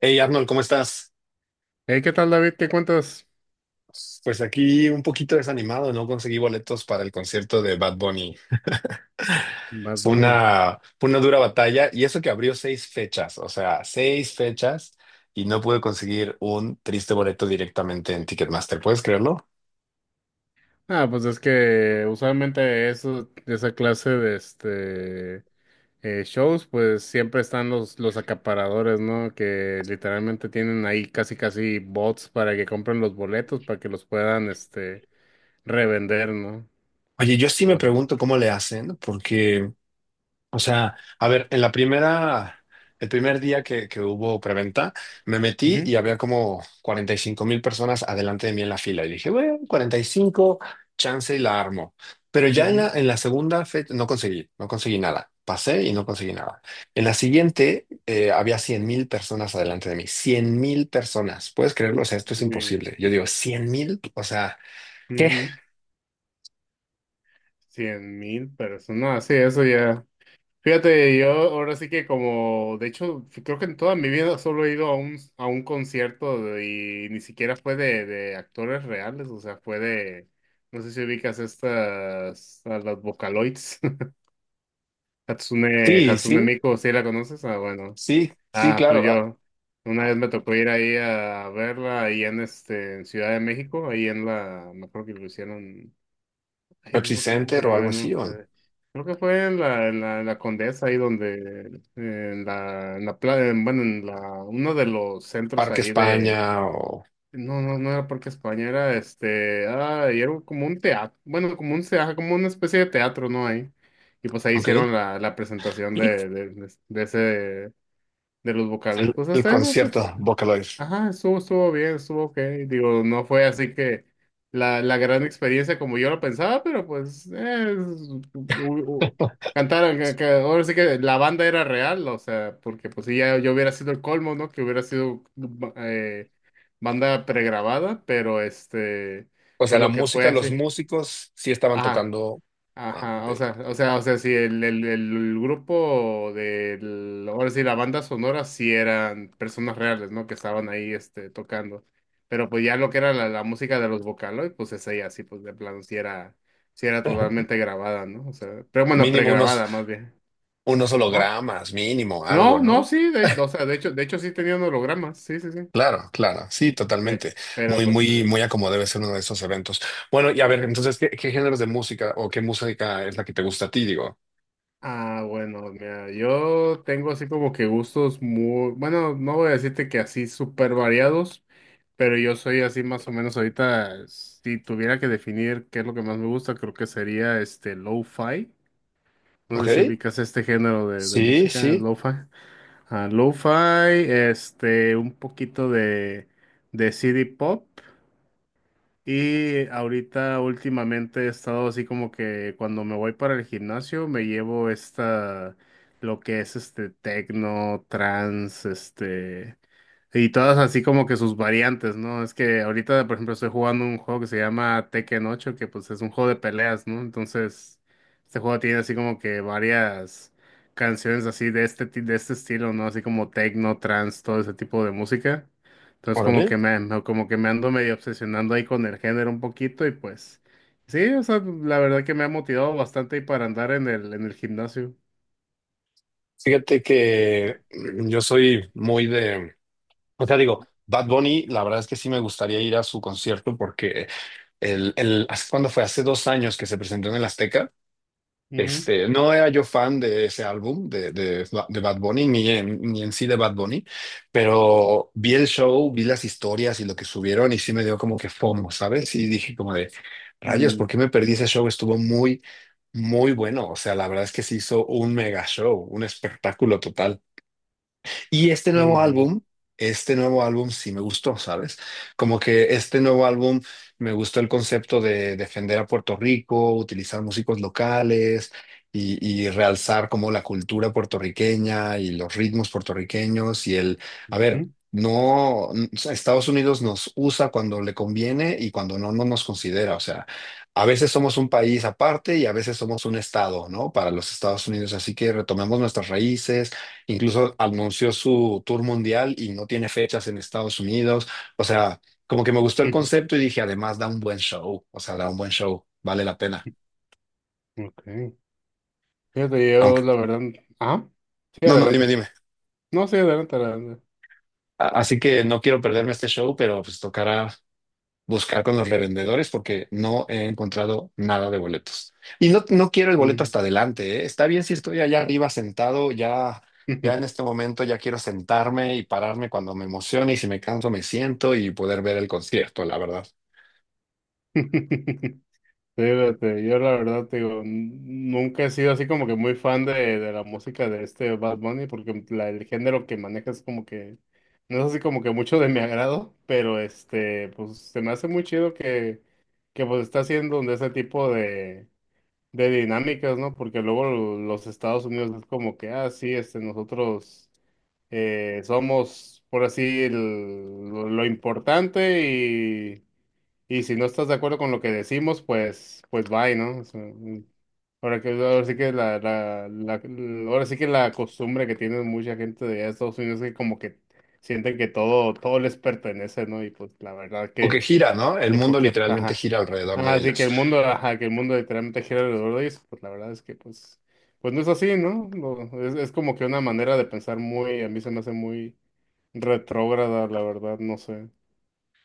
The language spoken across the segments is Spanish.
Hey Arnold, ¿cómo estás? Hey, ¿qué tal, David? ¿Qué cuentas? Pues aquí un poquito desanimado, no conseguí boletos para el concierto de Bad Bunny. Más Fue Bunny. una, fue una dura batalla y eso que abrió seis fechas, o sea, seis fechas y no pude conseguir un triste boleto directamente en Ticketmaster, ¿puedes creerlo? Ah, pues es que usualmente eso, esa clase de este shows, pues siempre están los acaparadores, ¿no? Que literalmente tienen ahí casi casi bots para que compren los boletos, para que los puedan este revender, ¿no? Oye, yo sí Y me bueno. pregunto cómo le hacen, porque. O sea, a ver, en la primera, el primer día que hubo preventa, me metí Ujú, y había como 45.000 personas adelante de mí en la fila. Y dije, bueno, 45 chance y la armo. Pero ya en la, ujú. en la segunda fecha no conseguí nada. Pasé y no conseguí nada. En la siguiente había 100.000 personas adelante de mí. Cien mil personas. ¿Puedes creerlo? O sea, esto es Uy, imposible. Yo digo, 100.000, o sea, ¿qué? ujú. 100,000 personas. No, sí, eso ya. Fíjate, yo ahora sí que como, de hecho, creo que en toda mi vida solo he ido a a un concierto y ni siquiera fue de actores reales, o sea, fue de, no sé si ubicas estas, a las Vocaloids, Sí, Hatsune sí, Miku, ¿sí la conoces? Ah, bueno. sí, sí, Ah, pues claro. Ah, yo, una vez me tocó ir ahí a verla ahí en este, en Ciudad de México, ahí en la, me acuerdo que lo hicieron. Ay, no Pepsi me acuerdo cómo se Center o llama. algo No, así, ¿o no? eh, creo que fue en la, en la, en la Condesa, ahí donde, en la bueno, en la, uno de los centros Parque ahí España de, o. no, no, no era Parque España, era este, ah, y era como un teatro, bueno, como un, como una especie de teatro, ¿no? Ahí. Y pues ahí Ok. hicieron la, la presentación El, de ese, de los vocales. Pues el hasta eso, concierto Vocaloid. ajá, estuvo bien, estuvo ok. Digo, no fue así que la gran experiencia como yo lo pensaba, pero pues u- cantaron, que ahora sí que la banda era real, o sea, porque pues sí, ya yo hubiera sido el colmo, ¿no? Que hubiera sido mm, eh, banda pregrabada, pero este, O sea, pues la lo que fue música, los así. músicos sí estaban Ajá. tocando. Ah, Ajá, ok. o sea, sí, el grupo del, ahora sí, la banda sonora sí eran personas reales, ¿no? Que estaban ahí, este, tocando. Pero pues ya lo que era la, la música de los Vocaloid, pues esa ya sí, pues de plano sí era totalmente grabada, ¿no? O sea, pero bueno, Mínimo unos, pregrabada más bien. unos Ajá. hologramas, mínimo, algo, No, no, ¿no? sí, de, o sea, de hecho sí tenían hologramas, sí, sí, sí. Claro, claro, sí, Pe- totalmente. Pero Muy, pues, muy, muy a como debe ser uno de esos eventos. Bueno, y a ver, sí. entonces, ¿qué géneros de música o qué música es la que te gusta a ti? Digo, Ah, bueno, mira, yo tengo así como que gustos muy, bueno, no voy a decirte que así súper variados, pero yo soy así más o menos ahorita, si tuviera que definir qué es lo que más me gusta, creo que sería este lo-fi. No ¿ok? sé si ubicas este género de Sí, música, sí, lo-fi. Ah, lo-fi, este, un poquito de CD pop y ahorita últimamente he estado así como que cuando me voy para el gimnasio me llevo esta, lo que es este tecno, trance, este, y todas así como que sus variantes, ¿no? Es que ahorita, por ejemplo, estoy jugando un juego que se llama Tekken 8 que pues es un juego de peleas, ¿no? Entonces, este juego tiene así como que varias canciones así de este, de este estilo, ¿no? Así como techno trance, todo ese tipo de música. Entonces como órale. que como que me ando medio obsesionando ahí con el género un poquito y pues sí, o sea, la verdad que me ha motivado bastante ahí para andar en el gimnasio. Fíjate que yo soy muy de, o sea, digo, Bad Bunny, la verdad es que sí me gustaría ir a su concierto porque el, ¿hace ¿cuándo fue? Hace 2 años que se presentó en el Azteca. Ujú. Este, no era yo fan de ese álbum de Bad Bunny, ni en sí de Bad Bunny, pero vi el show, vi las historias y lo que subieron y sí me dio como que FOMO, ¿sabes? Y dije como de, rayos, Mm, ¿por qué me perdí ese show? Estuvo muy, muy bueno. O sea, la verdad es que se hizo un mega show, un espectáculo total. Y este nuevo ujú, álbum, este nuevo álbum sí me gustó, ¿sabes? Como que este nuevo álbum me gustó el concepto de defender a Puerto Rico, utilizar músicos locales y realzar como la cultura puertorriqueña y los ritmos puertorriqueños y el, a ver. No, o sea, Estados Unidos nos usa cuando le conviene y cuando no, no nos considera. O sea, a veces somos un país aparte y a veces somos un estado, ¿no? Para los Estados Unidos. Así que retomemos nuestras raíces. Incluso anunció su tour mundial y no tiene fechas en Estados Unidos. O sea, como que me gustó el ujú, concepto y dije, además da un buen show. O sea, da un buen show. Vale la pena. ujú. Ok. Fíjate, yo la Aunque, verdad, ah, sí, no, no, dime, adelante. dime. No, sí, adelante, adelante. Así que no quiero perderme este show, pero pues tocará buscar con los revendedores porque no he encontrado nada de boletos. Y no, no quiero el boleto hasta adelante, ¿eh? Está bien si estoy allá arriba sentado, ya, ya Mm. en este momento ya quiero sentarme y pararme cuando me emocione y si me canso me siento y poder ver el concierto, la verdad. Fíjate, yo la verdad te digo, nunca he sido así como que muy fan de la música de este Bad Bunny, porque el género que maneja es como que, no es así como que mucho de mi agrado, pero este, pues se me hace muy chido que pues está haciendo de ese tipo de dinámicas, ¿no? Porque luego los Estados Unidos es como que, ah, sí, este, nosotros. Somos, por así, lo importante y si no estás de acuerdo con lo que decimos, pues, bye, ¿no? O sea, ahora que, ahora sí que la- ahora sí que la costumbre que tiene mucha gente de allá de Estados Unidos es que como que sienten que todo, todo les pertenece, ¿no? Y pues la verdad O que que gira, ¿no? El que pues, mundo que, literalmente ajá. gira alrededor de Así que ellos. el mundo, ajá, que el mundo literalmente gira alrededor de eso, pues la verdad es que pues no es así, ¿no? Es como que una manera de pensar muy, a mí se me hace muy retrógrada, la verdad, no sé.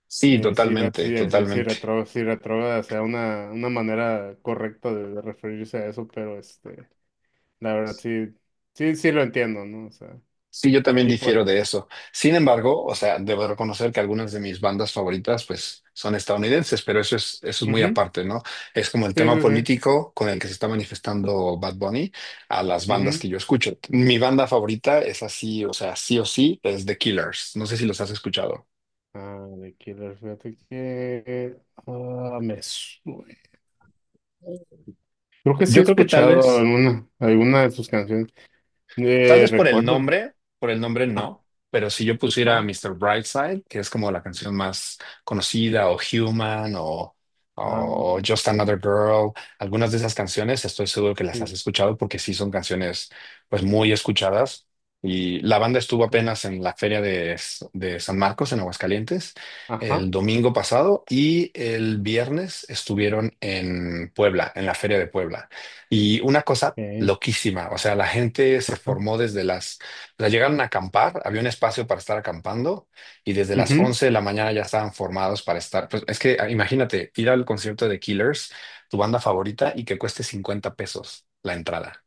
Sí, Eh, si, re- totalmente, si, si, si totalmente. retro- si retrógrada sea una manera correcta de referirse a eso, pero este, la verdad sí, sí, sí lo entiendo, ¿no? O sea, Sí, yo también y pues, difiero de eso. Sin embargo, o sea, debo reconocer que algunas de mis bandas favoritas, pues, son estadounidenses, pero eso es muy ujú, aparte, ¿no? Es como el sí, tema sí, sí. político con el que se está manifestando Bad Bunny a las bandas Ujú. que yo escucho. Mi banda favorita es así, o sea, sí o sí, es The Killers. No sé si los has escuchado. Ah, de Killer, fíjate que me suena. Creo que sí he Yo creo que tal escuchado vez. alguna de sus canciones. Tal Eh, vez recuerdo. Por el nombre no, pero si yo pusiera Ajá. Mr. Brightside, que es como la canción más conocida, o Human, Ah, o Just Another Girl, algunas de esas canciones estoy seguro que las sí, has escuchado porque sí son canciones pues muy escuchadas. Y la banda estuvo mm, apenas en la feria de San Marcos, en Aguascalientes, el ajá. domingo pasado y el viernes estuvieron en Puebla, en la feria de Puebla. Y una cosa eh, loquísima, o sea, la gente se ajá. formó desde las, o sea, llegaron a acampar, había un espacio para estar acampando y desde las Ujú. 11 de la mañana ya estaban formados para estar, pues es que ah, imagínate, ir al concierto de Killers, tu banda favorita, y que cueste 50 pesos la entrada.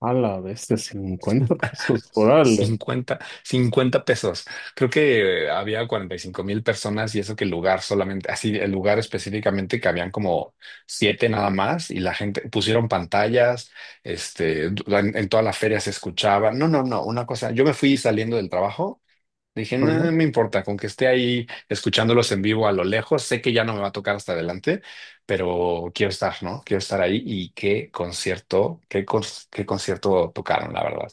A la bestia, 50 pesos. Órale. Cincuenta pesos. Creo que había 45.000 personas y eso que el lugar solamente, así el lugar específicamente que habían como siete nada más y la gente pusieron pantallas, este, en toda la feria se escuchaba. No, no, no, una cosa, yo me fui saliendo del trabajo, dije, no, Ajá, no me importa, con que esté ahí escuchándolos en vivo a lo lejos, sé que ya no me va a tocar hasta adelante, pero quiero estar, ¿no? Quiero estar ahí y qué concierto, qué, qué concierto tocaron, la verdad.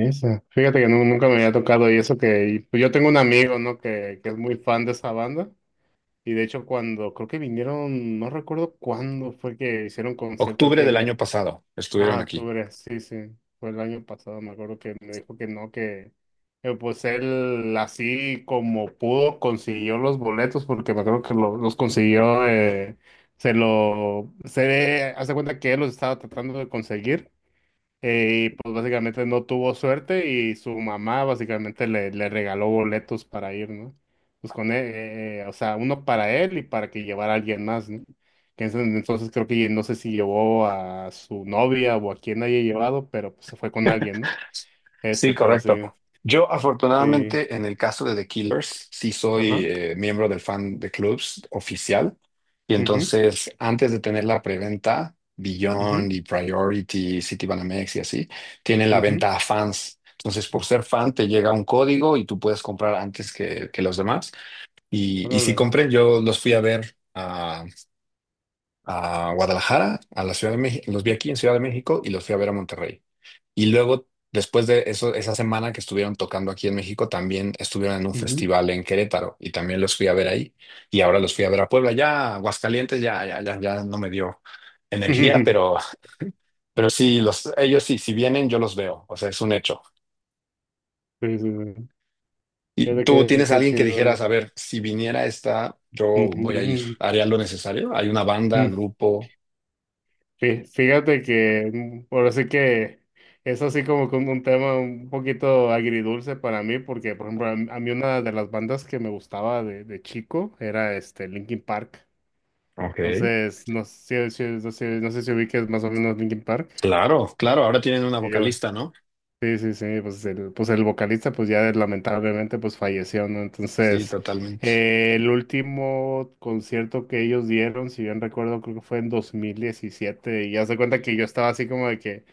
esa. Fíjate que nunca me había tocado y eso que y, pues, yo tengo un amigo, ¿no? Que es muy fan de esa banda. Y de hecho cuando creo que vinieron, no recuerdo cuándo fue que hicieron concierto aquí Octubre del en año México. pasado Ah, estuvieron aquí. octubre, sí, sí. Fue el año pasado, me acuerdo que me dijo que no, que pues él así como pudo consiguió los boletos, porque me acuerdo que los consiguió, se lo, se hace cuenta que él los estaba tratando de conseguir. Y pues básicamente no tuvo suerte y su mamá básicamente le regaló boletos para ir, ¿no? Pues con él, o sea, uno para él y para que llevara a alguien más, ¿no? Que en ese entonces creo que no sé si llevó a su novia o a quien haya llevado, pero pues se fue con alguien, ¿no? Sí, Este, pero sí, correcto. Yo, sí, afortunadamente, en el caso de The Killers, sí soy ajá, miembro del fan de clubs oficial. Y mhm, entonces, antes de tener la preventa, mhm, Beyond y Priority, Citibanamex y así, tienen la mhm, venta a fans. Entonces, por ser fan, te llega un código y tú puedes comprar antes que los demás. Y, sí órale, compré, yo los fui a ver a Guadalajara, a la Ciudad de México, los vi aquí en Ciudad de México y los fui a ver a Monterrey. Y luego, después de eso, esa semana que estuvieron tocando aquí en México, también estuvieron en un ujú. festival en Querétaro y también los fui a ver ahí. Y ahora los fui a ver a Puebla, ya Aguascalientes, ya, ya, ya, ya no me dio energía, pero, pero sí, ellos sí, si vienen, yo los veo, o sea, es un hecho. Sí, sí, sí. ¿Y Fíjate tú qué, tienes a qué alguien que chido. dijeras, a ver, si viniera esta, yo voy a ir, Ujú, haría lo necesario? ¿Hay una banda, ujú, grupo? Fíjate que ahora sí que es así como que un tema un poquito agridulce para mí, porque por ejemplo a mí una de las bandas que me gustaba de chico era este Linkin Park. Ok. Entonces, no sé si ubiques más o menos Linkin Park. Claro, claro, ahora tienen una Y yo, vocalista, ¿no? sí, sí, sí, pues el vocalista pues ya lamentablemente pues falleció, ¿no? Sí, Entonces, totalmente. El último concierto que ellos dieron, si bien recuerdo, creo que fue en 2017 y ya se cuenta que yo estaba así como de que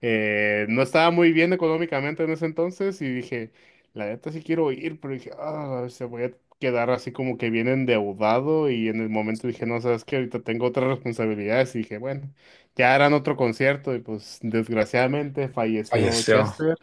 no estaba muy bien económicamente en ese entonces y dije, la neta sí quiero ir, pero dije, ah, se voy a quedar así como que bien endeudado y en el momento dije, no, sabes que ahorita tengo otras responsabilidades y dije, bueno, ya harán otro concierto y pues desgraciadamente falleció Falleció Chester.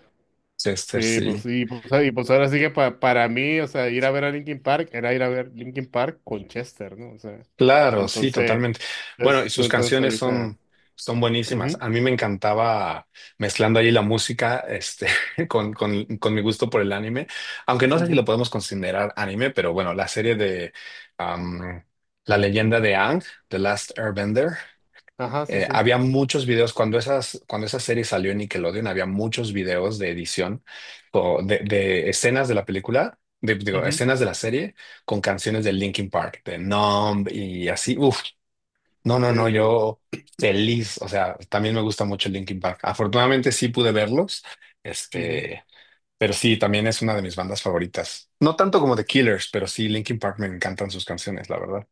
Chester, Sí, pues sí. y pues, y, pues, ahora sí que para mí, o sea, ir a ver a Linkin Park era ir a ver Linkin Park con Chester, ¿no? O sea, Claro, sí, entonces, totalmente. Bueno, y sus canciones ahorita... son buenísimas. Ujú, A mí me encantaba mezclando ahí la música, este, con mi gusto por el anime, aunque no sé si lo ujú, podemos considerar anime, pero bueno, la serie de am, La leyenda de Aang, The Last Airbender, ajá, sí, Eh, sí. Había muchos videos cuando esa serie salió en Nickelodeon, había muchos videos de edición de escenas de la película, de, digo, Ujú. escenas de la serie con canciones de Linkin Park, de Numb y así. Uf, no, no, Sí, no, sí. yo feliz. O sea, también me gusta mucho Linkin Park. Afortunadamente sí pude verlos, Ujú. este, pero sí, también es una de mis bandas favoritas. No tanto como The Killers, pero sí, Linkin Park me encantan sus canciones, la verdad.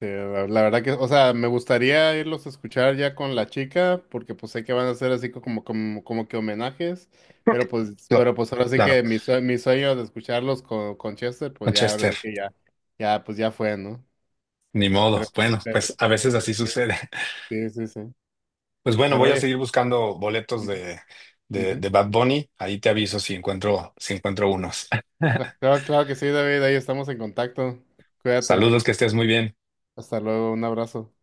Eh, la verdad que, o sea, me gustaría irlos a escuchar ya con la chica, porque pues sé que van a hacer así como que homenajes, pero Ok. pues, Cla- pero pues ahora sí Claro, que mi sueño de escucharlos con Chester, pues ya, ahora Manchester. sí que ya, ya, pues ya fue, ¿no? Ni modo. Pero, Bueno, pues pero, a pero, veces pero, así en fin. sucede. Sí, sí, sí. Pues bueno, Pero voy a oye, seguir buscando boletos ujú, de, de, ujú. de Bad Bunny. Ahí te aviso si encuentro unos. Claro, claro que sí, David, ahí estamos en contacto. Cuídate. Saludos, que estés muy bien. Hasta luego, un abrazo.